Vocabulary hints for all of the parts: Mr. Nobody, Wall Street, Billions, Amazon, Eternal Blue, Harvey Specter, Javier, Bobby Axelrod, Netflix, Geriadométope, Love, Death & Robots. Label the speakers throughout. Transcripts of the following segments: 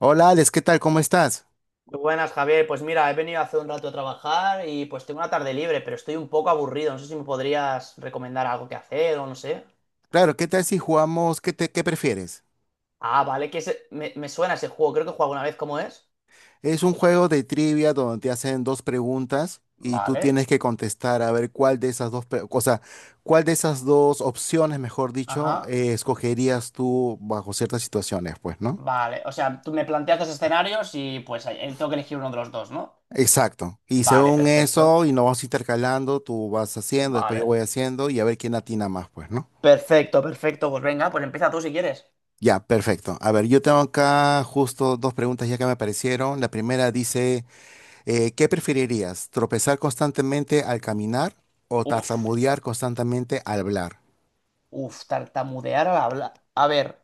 Speaker 1: Hola Alex, ¿qué tal? ¿Cómo estás?
Speaker 2: Muy buenas, Javier. Pues mira, he venido hace un rato a trabajar y pues tengo una tarde libre, pero estoy un poco aburrido. No sé si me podrías recomendar algo que hacer o no sé.
Speaker 1: Claro, ¿qué tal si jugamos? ¿Qué prefieres?
Speaker 2: Ah, vale, que me suena ese juego. Creo que he jugado alguna vez. ¿Cómo es?
Speaker 1: Es un juego de trivia donde te hacen dos preguntas y tú
Speaker 2: Vale,
Speaker 1: tienes que contestar a ver cuál de esas dos, o sea, cuál de esas dos opciones, mejor dicho,
Speaker 2: ajá,
Speaker 1: escogerías tú bajo ciertas situaciones, pues, ¿no?
Speaker 2: vale. O sea, tú me planteas dos escenarios y pues tengo que elegir uno de los dos, ¿no?
Speaker 1: Exacto. Y
Speaker 2: Vale,
Speaker 1: según
Speaker 2: perfecto.
Speaker 1: eso, y nos vamos intercalando, tú vas haciendo, después yo voy
Speaker 2: Vale.
Speaker 1: haciendo y a ver quién atina más, pues, ¿no?
Speaker 2: Perfecto, perfecto. Pues venga, pues empieza tú si quieres.
Speaker 1: Ya, perfecto. A ver, yo tengo acá justo dos preguntas ya que me aparecieron. La primera dice... ¿qué preferirías? ¿Tropezar constantemente al caminar o
Speaker 2: Uf.
Speaker 1: tartamudear constantemente al hablar?
Speaker 2: Uf, tartamudear al hablar. A ver,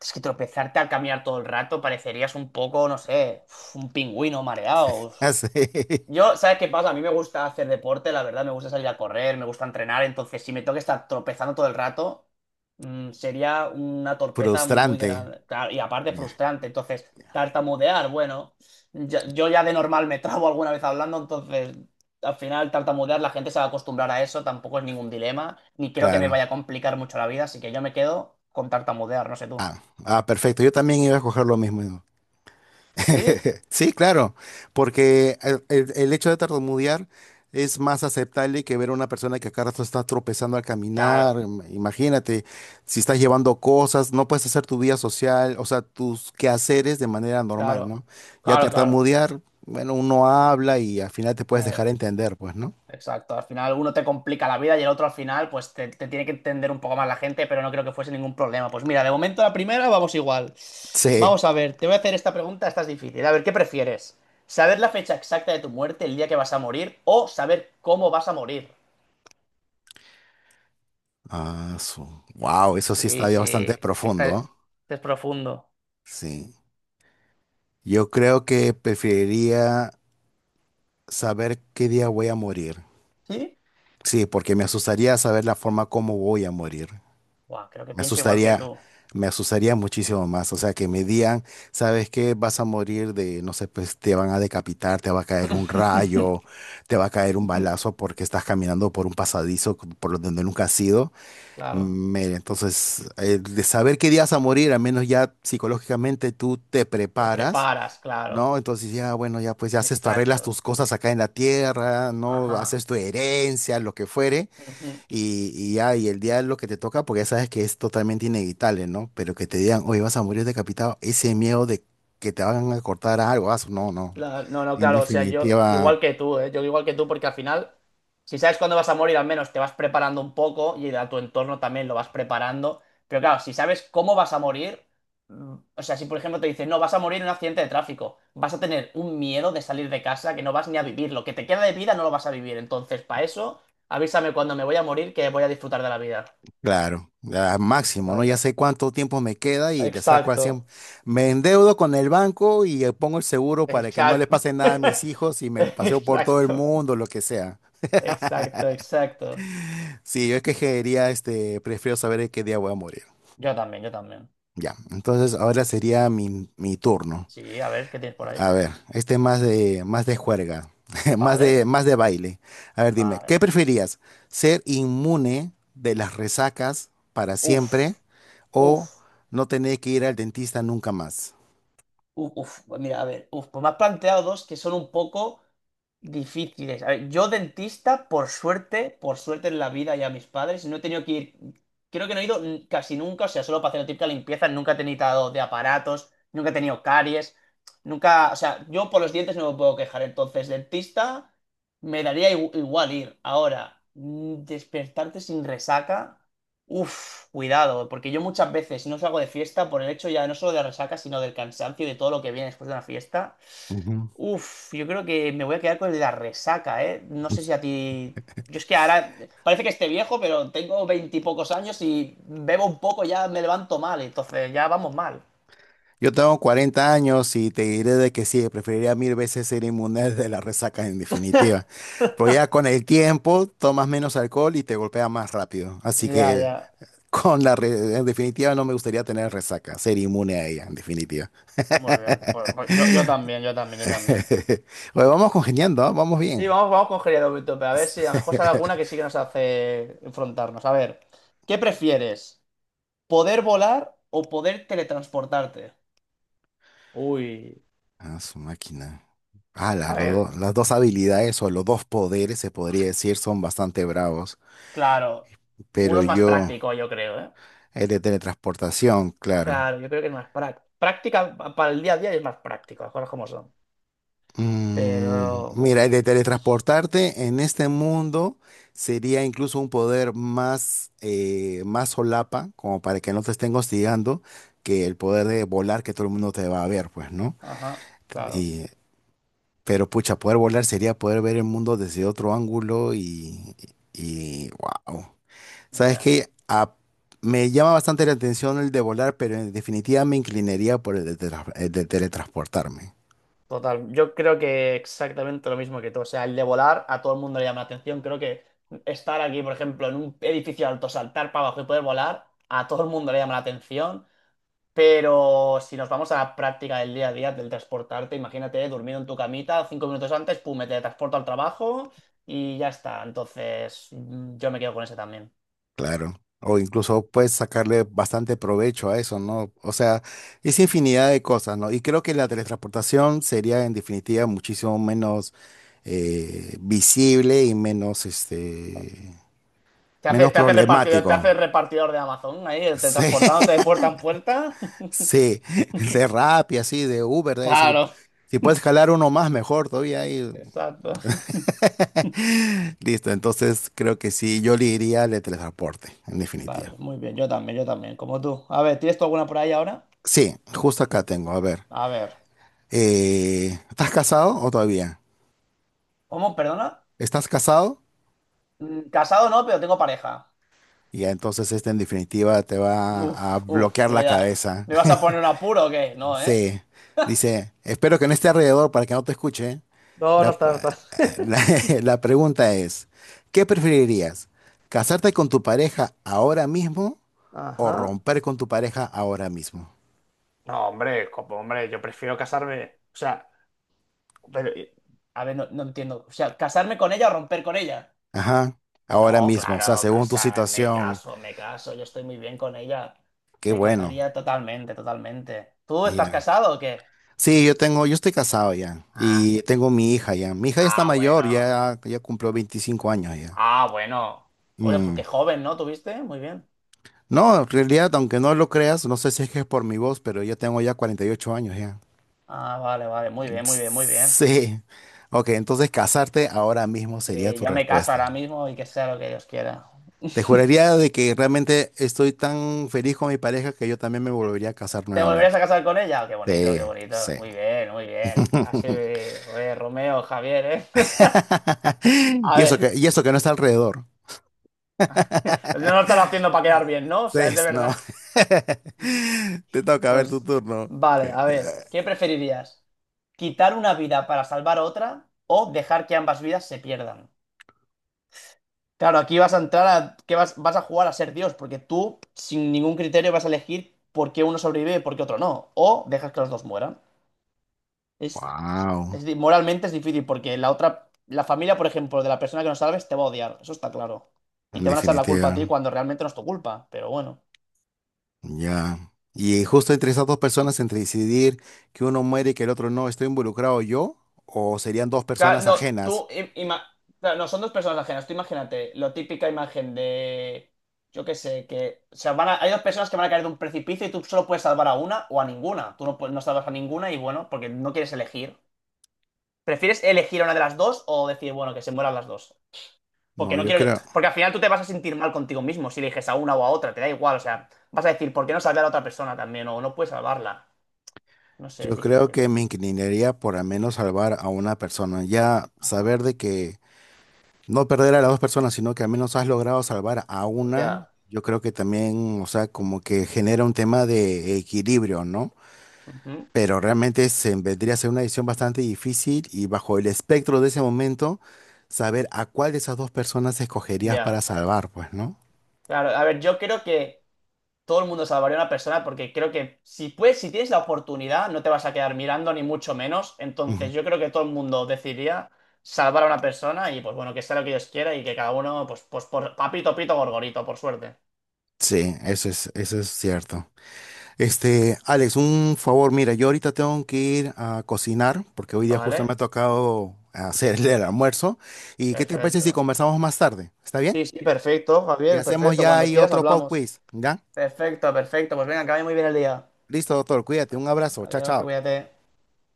Speaker 2: es que tropezarte al caminar todo el rato parecerías un poco, no sé, uf, un pingüino mareado.
Speaker 1: Así,
Speaker 2: Yo, ¿sabes qué pasa? A mí me gusta hacer deporte, la verdad, me gusta salir a correr, me gusta entrenar, entonces si me tengo que estar tropezando todo el rato, sería una torpeza muy
Speaker 1: frustrante.
Speaker 2: grande, claro, y aparte frustrante, entonces tartamudear, bueno, yo ya de normal me trabo alguna vez hablando, entonces al final tartamudear la gente se va a acostumbrar a eso, tampoco es ningún dilema, ni creo que me
Speaker 1: Claro.
Speaker 2: vaya a complicar mucho la vida, así que yo me quedo con tartamudear, no sé tú.
Speaker 1: Perfecto. Yo también iba a escoger lo mismo.
Speaker 2: ¿Sí?
Speaker 1: Sí, claro, porque el hecho de tartamudear es más aceptable que ver a una persona que acá rato está tropezando al caminar.
Speaker 2: Claro,
Speaker 1: Imagínate, si estás llevando cosas, no puedes hacer tu vida social, o sea, tus quehaceres de manera normal,
Speaker 2: claro,
Speaker 1: ¿no? Ya
Speaker 2: claro, claro.
Speaker 1: tartamudear, bueno, uno habla y al final te puedes
Speaker 2: Eh,
Speaker 1: dejar entender, pues, ¿no?
Speaker 2: Exacto, al final uno te complica la vida y el otro al final pues te tiene que entender un poco más la gente, pero no creo que fuese ningún problema. Pues mira, de momento la primera vamos igual.
Speaker 1: Sí.
Speaker 2: Vamos a ver, te voy a hacer esta pregunta, esta es difícil. A ver, ¿qué prefieres? ¿Saber la fecha exacta de tu muerte, el día que vas a morir, o saber cómo vas a morir?
Speaker 1: Ah, su. Wow, eso sí
Speaker 2: Sí,
Speaker 1: está ya
Speaker 2: sí,
Speaker 1: bastante profundo,
Speaker 2: este
Speaker 1: ¿ah?
Speaker 2: es profundo.
Speaker 1: Sí. Yo creo que preferiría saber qué día voy a morir.
Speaker 2: ¿Sí?
Speaker 1: Sí, porque me asustaría saber la forma como voy a morir.
Speaker 2: Buah, creo que
Speaker 1: Me
Speaker 2: pienso igual que
Speaker 1: asustaría,
Speaker 2: tú.
Speaker 1: me asustaría muchísimo más. O sea, que me digan, ¿sabes qué? Vas a morir de, no sé, pues te van a decapitar, te va a caer un rayo, te va a caer un balazo porque estás caminando por un pasadizo por donde nunca has ido.
Speaker 2: Claro,
Speaker 1: Mira, entonces, de saber qué día vas a morir, al menos ya psicológicamente tú te
Speaker 2: te
Speaker 1: preparas.
Speaker 2: preparas, claro.
Speaker 1: No, entonces ya, bueno, ya pues ya haces, tú arreglas
Speaker 2: Exacto.
Speaker 1: tus cosas acá en la tierra, no
Speaker 2: Ajá.
Speaker 1: haces tu herencia, lo que fuere
Speaker 2: Ujú.
Speaker 1: y ya, y el día de lo que te toca, porque ya sabes que es totalmente inevitable, ¿no? Pero que te digan, oye, vas a morir decapitado, ese miedo de que te van a cortar algo, ah, no.
Speaker 2: Claro, no, no,
Speaker 1: En
Speaker 2: claro, o sea, yo
Speaker 1: definitiva,
Speaker 2: igual que tú, ¿eh? Yo igual que tú, porque al final, si sabes cuándo vas a morir, al menos te vas preparando un poco y a tu entorno también lo vas preparando. Pero claro, si sabes cómo vas a morir, o sea, si por ejemplo te dicen, no, vas a morir en un accidente de tráfico, vas a tener un miedo de salir de casa que no vas ni a vivir. Lo que te queda de vida no lo vas a vivir. Entonces, para eso, avísame cuando me voy a morir que voy a disfrutar de la vida.
Speaker 1: claro, al máximo, ¿no? Ya
Speaker 2: Totalmente.
Speaker 1: sé cuánto tiempo me queda y le saco al 100.
Speaker 2: Exacto.
Speaker 1: Me endeudo con el banco y pongo el seguro para que no le
Speaker 2: Exacto.
Speaker 1: pase nada a mis hijos y me paseo por todo el
Speaker 2: Exacto.
Speaker 1: mundo, lo que sea.
Speaker 2: Exacto, exacto.
Speaker 1: Sí, yo es que quería, este, prefiero saber en qué día voy a morir.
Speaker 2: Yo también, yo también.
Speaker 1: Ya, entonces ahora sería mi turno.
Speaker 2: Sí, a ver, ¿qué tienes por ahí?
Speaker 1: A ver, este más de juerga,
Speaker 2: Vale,
Speaker 1: más de baile. A ver, dime,
Speaker 2: vale.
Speaker 1: ¿qué preferías? ¿Ser inmune de las resacas para siempre
Speaker 2: Uf,
Speaker 1: o
Speaker 2: uf.
Speaker 1: no tener que ir al dentista nunca más?
Speaker 2: Uf, uf, pues mira, a ver, uf, pues me has planteado dos que son un poco difíciles. A ver, yo dentista, por suerte en la vida y a mis padres, no he tenido que ir, creo que no he ido casi nunca, o sea, solo para hacer la típica limpieza, nunca he tenido de aparatos, nunca he tenido caries, nunca, o sea, yo por los dientes no me puedo quejar, entonces dentista me daría igual ir. Ahora, despertarte sin resaca. Uf, cuidado, porque yo muchas veces si no salgo de fiesta por el hecho ya no solo de la resaca, sino del cansancio y de todo lo que viene después de una fiesta.
Speaker 1: Ujú.
Speaker 2: Uf, yo creo que me voy a quedar con el de la resaca, ¿eh? No sé si a ti. Yo es que ahora parece que esté viejo, pero tengo veintipocos años y bebo un poco ya me levanto mal, entonces ya vamos mal.
Speaker 1: Yo tengo 40 años y te diré de que sí, preferiría mil veces ser inmune de las resacas en definitiva. Porque ya con el tiempo tomas menos alcohol y te golpea más rápido. Así
Speaker 2: Ya,
Speaker 1: que
Speaker 2: ya.
Speaker 1: con en definitiva no me gustaría tener resaca, ser inmune a ella en definitiva.
Speaker 2: Muy bien, pues yo también, yo también, yo también.
Speaker 1: Oye, vamos congeniando, ¿ah? Vamos
Speaker 2: Y
Speaker 1: bien.
Speaker 2: vamos con Geriadométope, a ver si a lo mejor sale alguna que sí que nos hace enfrentarnos. A ver, ¿qué prefieres? ¿Poder volar o poder teletransportarte? Uy,
Speaker 1: Ah, su máquina. Ah,
Speaker 2: a
Speaker 1: los
Speaker 2: ver,
Speaker 1: dos- las dos habilidades o los dos poderes, se podría decir, son bastante bravos.
Speaker 2: claro, uno
Speaker 1: Pero
Speaker 2: es más
Speaker 1: yo,
Speaker 2: práctico, yo creo, ¿eh?
Speaker 1: el de teletransportación, claro.
Speaker 2: Claro, yo creo que es más práctico. Práctica para el día a día es más práctico, las cosas como son. Pero,
Speaker 1: Mira, el de
Speaker 2: uff,
Speaker 1: teletransportarte en este mundo sería incluso un poder más, más solapa, como para que no te estén hostigando, que el poder de volar que todo el mundo te va a ver, pues, ¿no?
Speaker 2: ajá, claro.
Speaker 1: Y Pero pucha, poder volar sería poder ver el mundo desde otro ángulo y wow. ¿Sabes
Speaker 2: Ya.
Speaker 1: qué? Me llama bastante la atención el de volar, pero en definitiva me inclinaría por el el de teletransportarme,
Speaker 2: Total, yo creo que exactamente lo mismo que tú. O sea, el de volar a todo el mundo le llama la atención. Creo que estar aquí, por ejemplo, en un edificio alto, saltar para abajo y poder volar, a todo el mundo le llama la atención. Pero si nos vamos a la práctica del día a día del transportarte, imagínate, durmiendo en tu camita, 5 minutos antes, pum, me teletransporto al trabajo y ya está. Entonces, yo me quedo con ese también.
Speaker 1: claro. O incluso puedes sacarle bastante provecho a eso, ¿no? O sea, es infinidad de cosas, ¿no? Y creo que la teletransportación sería en definitiva muchísimo menos visible y menos,
Speaker 2: Te hace,
Speaker 1: menos
Speaker 2: te hace repartidor, te hace
Speaker 1: problemático.
Speaker 2: repartidor de Amazon ahí,
Speaker 1: Sí.
Speaker 2: teletransportándote de puerta en puerta.
Speaker 1: Sí, de Rappi, así, de Uber, de ahí,
Speaker 2: Claro.
Speaker 1: si puedes jalar uno más, mejor todavía ahí.
Speaker 2: Exacto.
Speaker 1: Listo, entonces creo que sí, yo le iría al de teletransporte, en definitiva.
Speaker 2: Vale, muy bien, yo también, como tú. A ver, ¿tienes tú alguna por ahí ahora?
Speaker 1: Sí, justo acá tengo, a ver.
Speaker 2: A ver.
Speaker 1: ¿Estás casado o todavía?
Speaker 2: ¿Cómo? Perdona.
Speaker 1: ¿Estás casado?
Speaker 2: Casado no, pero tengo pareja.
Speaker 1: Ya, entonces este en definitiva te va a
Speaker 2: Uf, uf,
Speaker 1: bloquear la
Speaker 2: cuidado.
Speaker 1: cabeza.
Speaker 2: ¿Me vas a poner un apuro o qué? No, ¿eh?
Speaker 1: Sí, dice, espero que no esté alrededor para que no te escuche.
Speaker 2: No, no
Speaker 1: La,
Speaker 2: está, no está.
Speaker 1: la, la pregunta es, ¿qué preferirías? ¿Casarte con tu pareja ahora mismo o
Speaker 2: Ajá.
Speaker 1: romper con tu pareja ahora mismo?
Speaker 2: No, hombre, como, hombre, yo prefiero casarme. O sea, pero, a ver, no, no entiendo. O sea, ¿casarme con ella o romper con ella?
Speaker 1: Ajá, ahora
Speaker 2: No,
Speaker 1: mismo, o sea,
Speaker 2: claro,
Speaker 1: según tu
Speaker 2: casarme,
Speaker 1: situación,
Speaker 2: caso, me caso, yo estoy muy bien con ella.
Speaker 1: qué
Speaker 2: Me
Speaker 1: bueno.
Speaker 2: casaría totalmente, totalmente. ¿Tú estás
Speaker 1: Ya.
Speaker 2: casado o qué?
Speaker 1: Sí, yo estoy casado ya
Speaker 2: Ah,
Speaker 1: y tengo mi hija ya. Mi hija ya está
Speaker 2: ah,
Speaker 1: mayor,
Speaker 2: bueno.
Speaker 1: ya, ya cumplió 25 años ya.
Speaker 2: Ah, bueno. Oye, pues
Speaker 1: Mm.
Speaker 2: qué joven, ¿no? ¿Tuviste? Muy bien.
Speaker 1: No, en realidad, aunque no lo creas, no sé si es que es por mi voz, pero yo tengo ya 48 años ya.
Speaker 2: Ah, vale, vale, muy bien, muy bien, muy bien.
Speaker 1: Sí. Ok, entonces casarte ahora mismo sería
Speaker 2: Eh,
Speaker 1: tu
Speaker 2: yo me caso
Speaker 1: respuesta.
Speaker 2: ahora mismo y que sea lo que Dios quiera.
Speaker 1: Te juraría de que realmente estoy tan feliz con mi pareja que yo también me volvería a casar
Speaker 2: ¿Te volverías
Speaker 1: nuevamente.
Speaker 2: a casar con ella? Oh, qué bonito,
Speaker 1: Sí,
Speaker 2: qué
Speaker 1: sí.
Speaker 2: bonito. Muy bien, muy bien. Así, oye, Romeo, Javier, ¿eh? A ver,
Speaker 1: Y eso que no está alrededor.
Speaker 2: no lo están haciendo para quedar bien, ¿no? O
Speaker 1: Sí,
Speaker 2: sea, es de
Speaker 1: no.
Speaker 2: verdad.
Speaker 1: Te toca a ver tu
Speaker 2: Pues,
Speaker 1: turno.
Speaker 2: vale, a ver, ¿qué preferirías? ¿Quitar una vida para salvar otra o dejar que ambas vidas se pierdan? Claro, aquí vas a entrar a que vas a jugar a ser Dios, porque tú, sin ningún criterio, vas a elegir por qué uno sobrevive y por qué otro no. O dejas que los dos mueran. Es Es
Speaker 1: Wow,
Speaker 2: di- moralmente es difícil porque la familia, por ejemplo, de la persona que no salves te va a odiar, eso está claro. Y
Speaker 1: en
Speaker 2: te van a echar la culpa
Speaker 1: definitiva.
Speaker 2: a ti cuando realmente no es tu culpa, pero bueno.
Speaker 1: Ya. Y justo entre esas dos personas, entre decidir que uno muere y que el otro no, ¿estoy involucrado yo? ¿O serían dos
Speaker 2: Claro,
Speaker 1: personas
Speaker 2: no,
Speaker 1: ajenas?
Speaker 2: tú, claro, no, son dos personas ajenas. Tú imagínate la típica imagen de, yo qué sé, que, o sea, hay dos personas que van a caer de un precipicio y tú solo puedes salvar a una o a ninguna. Tú no, no salvas a ninguna y bueno, porque no quieres elegir. ¿Prefieres elegir a una de las dos o decir, bueno, que se mueran las dos? Porque
Speaker 1: No,
Speaker 2: no quiero. Porque al final tú te vas a sentir mal contigo mismo si eliges a una o a otra, te da igual. O sea, vas a decir, ¿por qué no salvar a la otra persona también? O no puedes salvarla. No sé,
Speaker 1: yo
Speaker 2: es
Speaker 1: creo
Speaker 2: difícil.
Speaker 1: que me inclinaría por al menos salvar a una persona. Ya
Speaker 2: Ajá.
Speaker 1: saber de que no perder a las dos personas, sino que al menos has logrado salvar a una,
Speaker 2: Ya.
Speaker 1: yo creo que también, o sea, como que genera un tema de equilibrio, ¿no?
Speaker 2: Ujú,
Speaker 1: Pero realmente se vendría a ser una decisión bastante difícil y bajo el espectro de ese momento, saber a cuál de esas dos personas escogerías para
Speaker 2: ya.
Speaker 1: salvar, pues, ¿no?
Speaker 2: Claro, a ver, yo creo que todo el mundo salvaría a una persona porque creo que si puedes, si tienes la oportunidad, no te vas a quedar mirando ni mucho menos.
Speaker 1: Ujú.
Speaker 2: Entonces, yo creo que todo el mundo decidiría salvar a una persona y pues bueno, que sea lo que Dios quiera y que cada uno, pues por papito, pito, gorgorito, por suerte.
Speaker 1: Sí, eso es cierto. Este, Alex, un favor, mira, yo ahorita tengo que ir a cocinar porque hoy día justo me ha
Speaker 2: Vale,
Speaker 1: tocado hacerle el almuerzo. ¿Y qué te parece si
Speaker 2: perfecto.
Speaker 1: conversamos más tarde? ¿Está bien?
Speaker 2: Sí, sí, perfecto,
Speaker 1: Y
Speaker 2: Javier,
Speaker 1: hacemos
Speaker 2: perfecto.
Speaker 1: ya
Speaker 2: Cuando
Speaker 1: ahí
Speaker 2: quieras
Speaker 1: otro pop
Speaker 2: hablamos.
Speaker 1: quiz, ¿ya?
Speaker 2: Perfecto, perfecto. Pues venga, que vaya muy bien el día.
Speaker 1: Listo, doctor, cuídate, un abrazo, chao,
Speaker 2: Adiós, que
Speaker 1: chao.
Speaker 2: cuídate.